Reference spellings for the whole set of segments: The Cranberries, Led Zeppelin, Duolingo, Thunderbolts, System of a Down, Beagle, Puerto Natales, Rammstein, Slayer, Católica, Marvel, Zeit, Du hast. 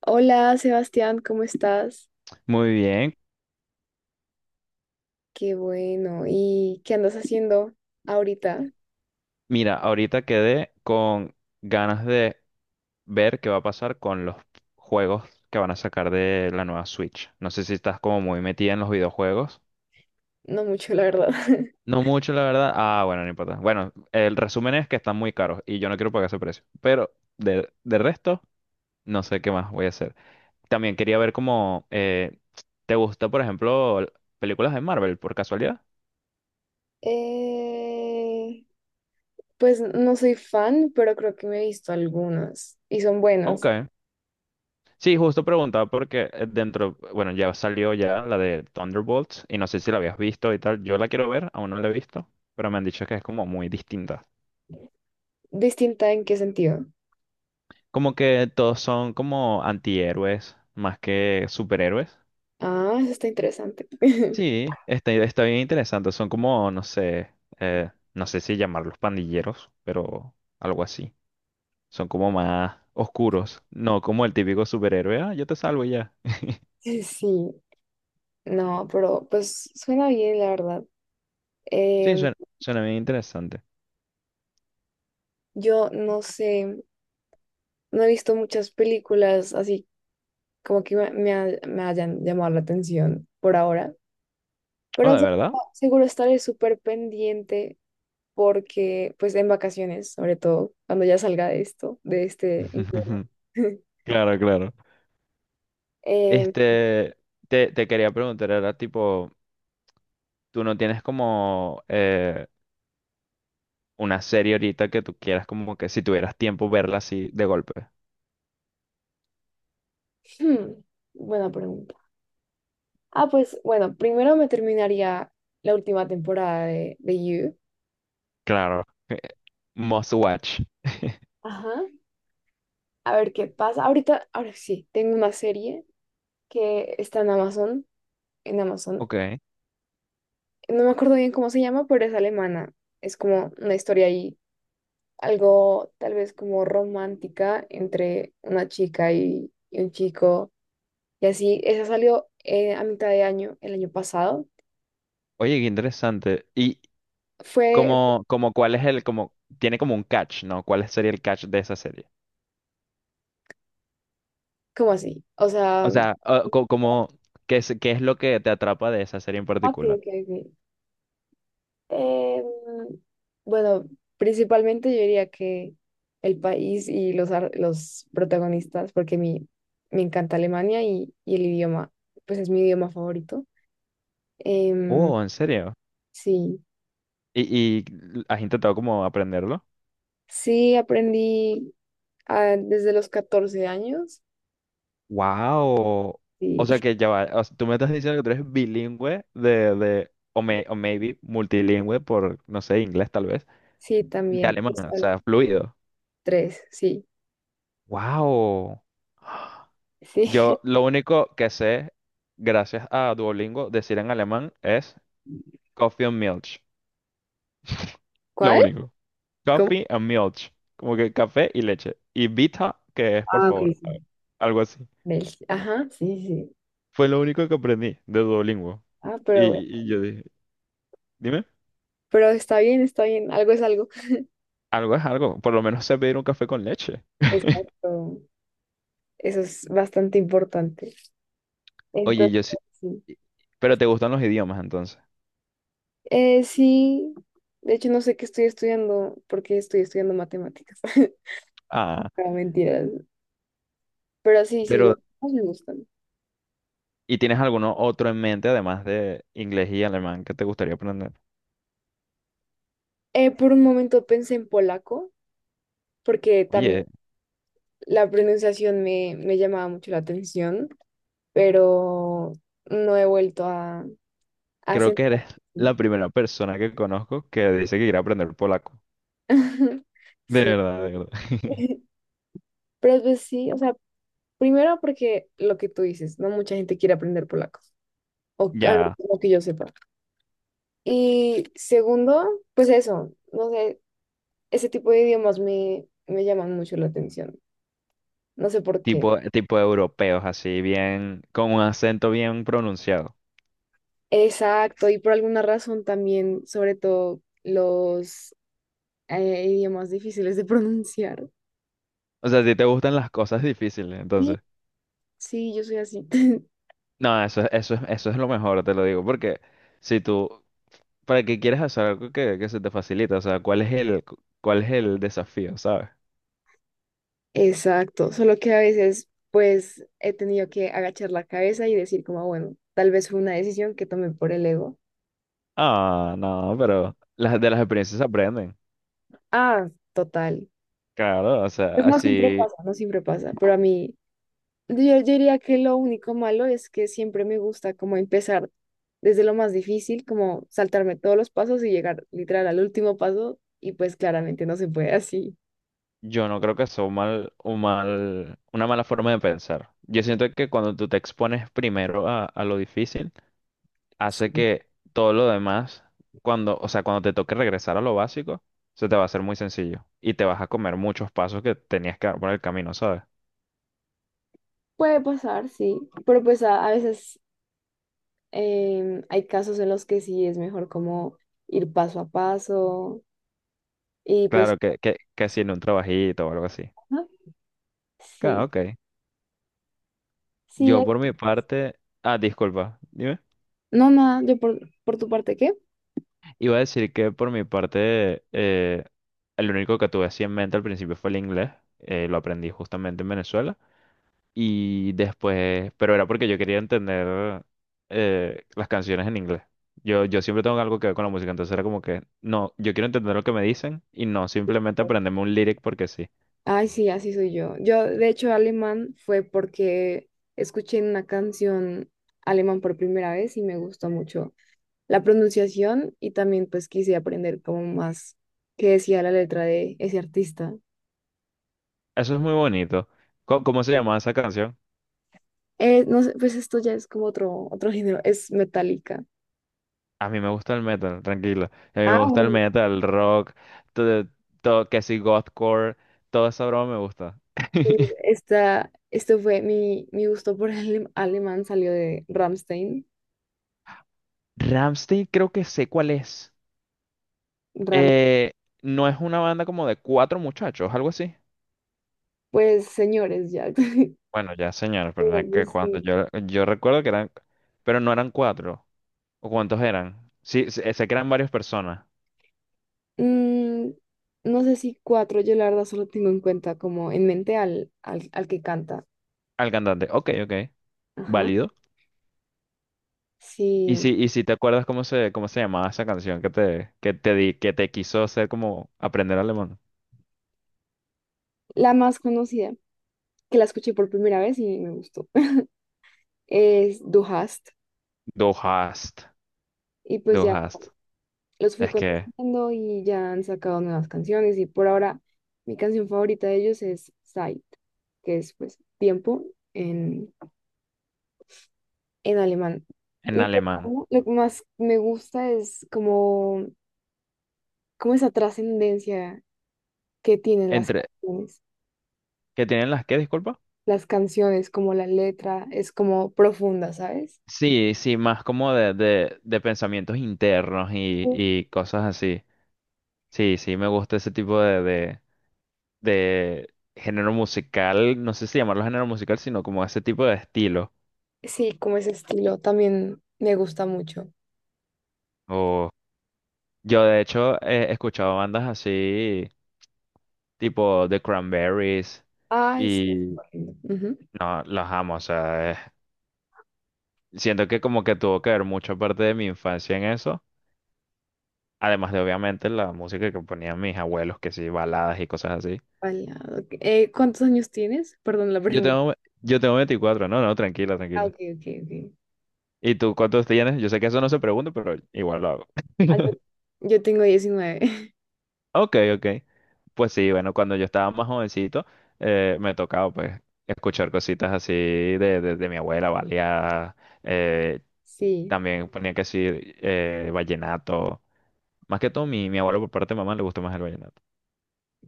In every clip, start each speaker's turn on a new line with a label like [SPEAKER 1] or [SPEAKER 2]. [SPEAKER 1] Hola Sebastián, ¿cómo estás?
[SPEAKER 2] Muy bien.
[SPEAKER 1] Qué bueno. ¿Y qué andas haciendo ahorita?
[SPEAKER 2] Mira, ahorita quedé con ganas de ver qué va a pasar con los juegos que van a sacar de la nueva Switch. No sé si estás como muy metida en los videojuegos.
[SPEAKER 1] No mucho, la verdad.
[SPEAKER 2] No mucho, la verdad. Ah, bueno, no importa. Bueno, el resumen es que están muy caros y yo no quiero pagar ese precio. Pero de resto, no sé qué más voy a hacer. También quería ver cómo te gusta, por ejemplo, películas de Marvel, por casualidad.
[SPEAKER 1] Eh, pues no soy fan, pero creo que me he visto algunas y son
[SPEAKER 2] Ok.
[SPEAKER 1] buenas.
[SPEAKER 2] Sí, justo preguntaba porque dentro, bueno, ya salió ya la de Thunderbolts y no sé si la habías visto y tal. Yo la quiero ver, aún no la he visto, pero me han dicho que es como muy distinta.
[SPEAKER 1] ¿Distinta en qué sentido?
[SPEAKER 2] Como que todos son como antihéroes más que superhéroes.
[SPEAKER 1] Ah, eso está interesante.
[SPEAKER 2] Sí, está bien interesante. Son como, no sé, no sé si llamarlos pandilleros, pero algo así. Son como más oscuros, no como el típico superhéroe. Ah, yo te salvo y ya.
[SPEAKER 1] Sí, no, pero pues suena bien, la verdad.
[SPEAKER 2] Sí,
[SPEAKER 1] Em,
[SPEAKER 2] suena bien interesante.
[SPEAKER 1] yo no sé, no he visto muchas películas así como que me hayan llamado la atención por ahora.
[SPEAKER 2] Oh,
[SPEAKER 1] Pero
[SPEAKER 2] ¿de
[SPEAKER 1] se-
[SPEAKER 2] verdad?
[SPEAKER 1] Seguro estaré súper pendiente porque, pues, en vacaciones, sobre todo, cuando ya salga de esto, de este infierno.
[SPEAKER 2] Claro, claro.
[SPEAKER 1] Eh,
[SPEAKER 2] Este, te quería preguntar, era tipo, tú no tienes como una serie ahorita que tú quieras como que si tuvieras tiempo verla así de golpe.
[SPEAKER 1] hmm, buena pregunta. Ah, pues, bueno, primero me terminaría la última temporada de You.
[SPEAKER 2] Claro. Must watch.
[SPEAKER 1] Ajá. A ver qué pasa. Ahorita, ahora sí, tengo una serie que está en Amazon, en Amazon.
[SPEAKER 2] Ok.
[SPEAKER 1] No me acuerdo bien cómo se llama, pero es alemana. Es como una historia ahí algo tal vez como romántica entre una chica y un chico. Y así, esa salió a mitad de año, el año pasado.
[SPEAKER 2] Oye, qué interesante. Y
[SPEAKER 1] Fue
[SPEAKER 2] como cuál es el, como, tiene como un catch, ¿no? ¿Cuál sería el catch de esa serie?
[SPEAKER 1] como así, o sea,
[SPEAKER 2] O
[SPEAKER 1] ok,
[SPEAKER 2] sea, ah, como, qué es lo que te atrapa de esa serie en
[SPEAKER 1] ok,
[SPEAKER 2] particular?
[SPEAKER 1] ok. Em, bueno, principalmente yo diría que el país y los protagonistas, me encanta Alemania y el idioma, pues es mi idioma favorito. Em,
[SPEAKER 2] Oh, ¿en serio?
[SPEAKER 1] sí,
[SPEAKER 2] Y has intentado como aprenderlo?
[SPEAKER 1] sí aprendí desde los 14 años.
[SPEAKER 2] Wow.
[SPEAKER 1] Sí,
[SPEAKER 2] O sea que ya va. O sea, tú me estás diciendo que tú eres bilingüe de o maybe multilingüe por, no sé, inglés tal vez,
[SPEAKER 1] sí,
[SPEAKER 2] de
[SPEAKER 1] también.
[SPEAKER 2] alemán, o
[SPEAKER 1] Sol.
[SPEAKER 2] sea, fluido.
[SPEAKER 1] Tres, sí,
[SPEAKER 2] Wow.
[SPEAKER 1] sí.
[SPEAKER 2] Yo lo único que sé, gracias a Duolingo, decir en alemán es Coffee and Milch. Lo
[SPEAKER 1] ¿Cuál?
[SPEAKER 2] único.
[SPEAKER 1] ¿Cómo?
[SPEAKER 2] Coffee and Milch. Como que café y leche. Y Vita, que es por
[SPEAKER 1] Ah, ok,
[SPEAKER 2] favor.
[SPEAKER 1] sí.
[SPEAKER 2] Algo así.
[SPEAKER 1] Del- Ajá, sí, sí.
[SPEAKER 2] Fue lo único que aprendí de Duolingo.
[SPEAKER 1] Ah,
[SPEAKER 2] Y, y yo dije, dime.
[SPEAKER 1] pero está bien, está bien. Algo es algo.
[SPEAKER 2] Algo es algo, por lo menos sé pedir un café con leche.
[SPEAKER 1] Exacto. Eso es bastante importante.
[SPEAKER 2] Oye,
[SPEAKER 1] Entonces,
[SPEAKER 2] yo sí,
[SPEAKER 1] sí.
[SPEAKER 2] pero te gustan los idiomas entonces.
[SPEAKER 1] Sí. De hecho, no sé qué estoy estudiando, porque estoy estudiando matemáticas.
[SPEAKER 2] Ah,
[SPEAKER 1] No, mentiras. Pero sí, sí,
[SPEAKER 2] pero
[SPEAKER 1] los dos me gustan.
[SPEAKER 2] ¿y tienes alguno otro en mente además de inglés y alemán que te gustaría aprender?
[SPEAKER 1] Por un momento pensé en polaco, porque también
[SPEAKER 2] Oye,
[SPEAKER 1] la pronunciación me llamaba mucho la atención. Pero no he vuelto a
[SPEAKER 2] creo que
[SPEAKER 1] sentarme.
[SPEAKER 2] eres la primera persona que conozco que dice que quiere aprender polaco. De
[SPEAKER 1] Sí.
[SPEAKER 2] verdad, de verdad.
[SPEAKER 1] Pero pues sí, o sea, primero porque lo que tú dices, no mucha gente quiere aprender polaco, o al menos
[SPEAKER 2] Ya,
[SPEAKER 1] lo que yo sepa. Y segundo, pues eso, no sé, ese tipo de idiomas me llaman mucho la atención, no sé por qué.
[SPEAKER 2] tipo europeos, así bien, con un acento bien pronunciado.
[SPEAKER 1] Exacto, y por alguna razón también, sobre todo los idiomas difíciles de pronunciar.
[SPEAKER 2] O sea, a ti te gustan las cosas difíciles,
[SPEAKER 1] Sí,
[SPEAKER 2] entonces.
[SPEAKER 1] sí, yo soy así.
[SPEAKER 2] No, eso es lo mejor, te lo digo, porque si tú, ¿para qué quieres hacer algo que se te facilita? O sea, ¿cuál es el, cuál es el desafío, sabes?
[SPEAKER 1] Exacto, solo que a veces pues he tenido que agachar la cabeza y decir como, bueno, tal vez fue una decisión que tomé por el ego.
[SPEAKER 2] Ah, no, pero las, de las experiencias se aprenden.
[SPEAKER 1] Ah, total.
[SPEAKER 2] Claro, o
[SPEAKER 1] Pues
[SPEAKER 2] sea,
[SPEAKER 1] no siempre
[SPEAKER 2] así
[SPEAKER 1] pasa, no siempre pasa, pero a mí yo diría que lo único malo es que siempre me gusta como empezar desde lo más difícil, como saltarme todos los pasos y llegar literal al último paso y pues claramente no se puede así.
[SPEAKER 2] yo no creo que sea un mal, una mala forma de pensar. Yo siento que cuando tú te expones primero a lo difícil, hace
[SPEAKER 1] Sí.
[SPEAKER 2] que todo lo demás, cuando, o sea, cuando te toque regresar a lo básico, se te va a hacer muy sencillo y te vas a comer muchos pasos que tenías que dar por el camino, ¿sabes?
[SPEAKER 1] Puede pasar, sí, pero pues a veces hay casos en los que sí es mejor como ir paso a paso y pues
[SPEAKER 2] Claro, que si en un trabajito o algo así.
[SPEAKER 1] ajá, sí,
[SPEAKER 2] Ah, ok.
[SPEAKER 1] sí,
[SPEAKER 2] Yo
[SPEAKER 1] es-
[SPEAKER 2] por mi parte, ah, disculpa, dime.
[SPEAKER 1] no, nada, yo por tu parte, ¿qué?
[SPEAKER 2] Iba a decir que por mi parte, el único que tuve así en mente al principio fue el inglés. Lo aprendí justamente en Venezuela. Y después, pero era porque yo quería entender las canciones en inglés. Yo siempre tengo algo que ver con la música, entonces era como que, no, yo quiero entender lo que me dicen y no simplemente aprenderme un lyric porque sí.
[SPEAKER 1] Ay, sí, así soy yo. Yo, de hecho, alemán fue porque escuché una canción alemán por primera vez y me gustó mucho la pronunciación y también pues quise aprender como más qué decía la letra de ese artista.
[SPEAKER 2] Eso es muy bonito. ¿Cómo, cómo se llama esa canción?
[SPEAKER 1] No sé, pues esto ya es como otro, otro género, es metálica.
[SPEAKER 2] A mí me gusta el metal, tranquilo. A mí me gusta el metal, el rock, todo, todo que si gothcore, toda esa broma me gusta.
[SPEAKER 1] Pues, Esta, esto fue mi gusto por el alemán salió de Rammstein.
[SPEAKER 2] Ramstein creo que sé cuál es.
[SPEAKER 1] Ram-
[SPEAKER 2] Eh, no es una banda como de cuatro muchachos, algo así.
[SPEAKER 1] pues señores, ya.
[SPEAKER 2] Bueno, ya señor, pero no es que
[SPEAKER 1] Pues,
[SPEAKER 2] cuando
[SPEAKER 1] sí.
[SPEAKER 2] yo recuerdo que eran, pero no eran cuatro. ¿O cuántos eran? Sí, sé que eran varias personas.
[SPEAKER 1] Mm, no sé si cuatro, yo la verdad solo tengo en cuenta como en mente al que canta.
[SPEAKER 2] Al cantante, ok, ok,
[SPEAKER 1] Ajá.
[SPEAKER 2] válido.
[SPEAKER 1] Sí,
[SPEAKER 2] Y si te acuerdas cómo se llamaba esa canción que te, que te quiso hacer como aprender alemán.
[SPEAKER 1] la más conocida, que la escuché por primera vez y me gustó, es Du hast.
[SPEAKER 2] Du hast,
[SPEAKER 1] Y pues
[SPEAKER 2] du
[SPEAKER 1] ya.
[SPEAKER 2] hast.
[SPEAKER 1] Los fui
[SPEAKER 2] Es que
[SPEAKER 1] contestando y ya han sacado nuevas canciones y por ahora mi canción favorita de ellos es Zeit, que es pues tiempo en, en alemán.
[SPEAKER 2] en
[SPEAKER 1] Y pues,
[SPEAKER 2] alemán.
[SPEAKER 1] como lo que más me gusta es como, como esa trascendencia que tienen las
[SPEAKER 2] Entre,
[SPEAKER 1] canciones.
[SPEAKER 2] ¿qué tienen las qué, disculpa?
[SPEAKER 1] Las canciones, como la letra, es como profunda, ¿sabes?
[SPEAKER 2] Sí, sí, más como de pensamientos internos
[SPEAKER 1] Sí,
[SPEAKER 2] y cosas así. Sí, sí, me gusta ese tipo de género musical. No sé si llamarlo género musical, sino como ese tipo de estilo.
[SPEAKER 1] sí, como ese estilo también me gusta mucho.
[SPEAKER 2] O yo de hecho he escuchado bandas así, tipo The Cranberries,
[SPEAKER 1] Ay, sí.
[SPEAKER 2] y
[SPEAKER 1] Es. Ujú.
[SPEAKER 2] no, las amo. O sea, es- siento que como que tuvo que ver mucha parte de mi infancia en eso. Además de obviamente la música que ponían mis abuelos, que sí, baladas y cosas así.
[SPEAKER 1] Bailado. ¿Cuántos años tienes? Perdón la
[SPEAKER 2] Yo
[SPEAKER 1] pregunta.
[SPEAKER 2] tengo, yo tengo 24, no, no, tranquila,
[SPEAKER 1] Ah,
[SPEAKER 2] tranquila.
[SPEAKER 1] ok, ok, ok.
[SPEAKER 2] ¿Y tú cuántos tienes? Yo sé que eso no se pregunta, pero igual lo hago.
[SPEAKER 1] Ah, yo tengo 19.
[SPEAKER 2] Ok, ok. Pues sí, bueno, cuando yo estaba más jovencito, me tocaba pues escuchar cositas así de mi abuela, baleada, eh,
[SPEAKER 1] Sí.
[SPEAKER 2] también ponía que sí, vallenato. Más que todo, mi abuelo por parte de mamá le gustó más el vallenato.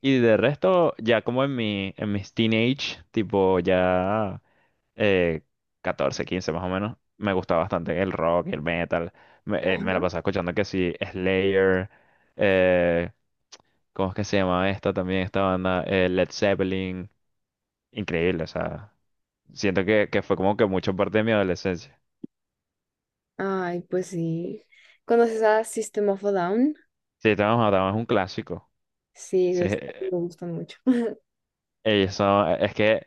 [SPEAKER 2] Y de resto, ya como en mi, en mis teenage, tipo ya eh, 14, 15 más o menos, me gustaba bastante el rock y el metal. Me, me la pasaba escuchando que sí, Slayer, eh, ¿cómo es que se llama esta también, esta banda? Led Zeppelin. Increíble, o sea, siento que fue como que mucho parte de mi adolescencia.
[SPEAKER 1] Ay, pues sí. ¿Conoces a System of a Down?
[SPEAKER 2] Sí, estábamos, es un clásico.
[SPEAKER 1] Sí,
[SPEAKER 2] Sí,
[SPEAKER 1] esos me gustan mucho.
[SPEAKER 2] ellos son, eh, es que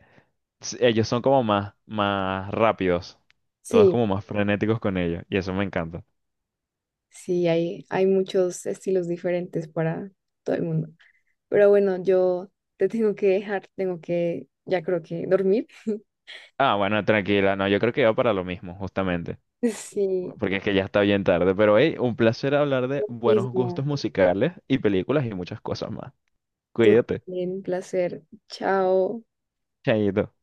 [SPEAKER 2] s- ellos son como más, más rápidos. Todos
[SPEAKER 1] Sí,
[SPEAKER 2] como más frenéticos con ellos. Y eso me encanta.
[SPEAKER 1] sí, hay muchos estilos diferentes para todo el mundo. Pero bueno, yo te tengo que dejar, tengo que, ya creo que dormir.
[SPEAKER 2] Ah, bueno, tranquila. No, yo creo que va para lo mismo, justamente.
[SPEAKER 1] Sí,
[SPEAKER 2] Porque es que ya está bien tarde. Pero hey, un placer hablar de buenos
[SPEAKER 1] mismo.
[SPEAKER 2] gustos musicales y películas y muchas cosas más.
[SPEAKER 1] Tú
[SPEAKER 2] Cuídate.
[SPEAKER 1] también, placer. Chao.
[SPEAKER 2] Chaito.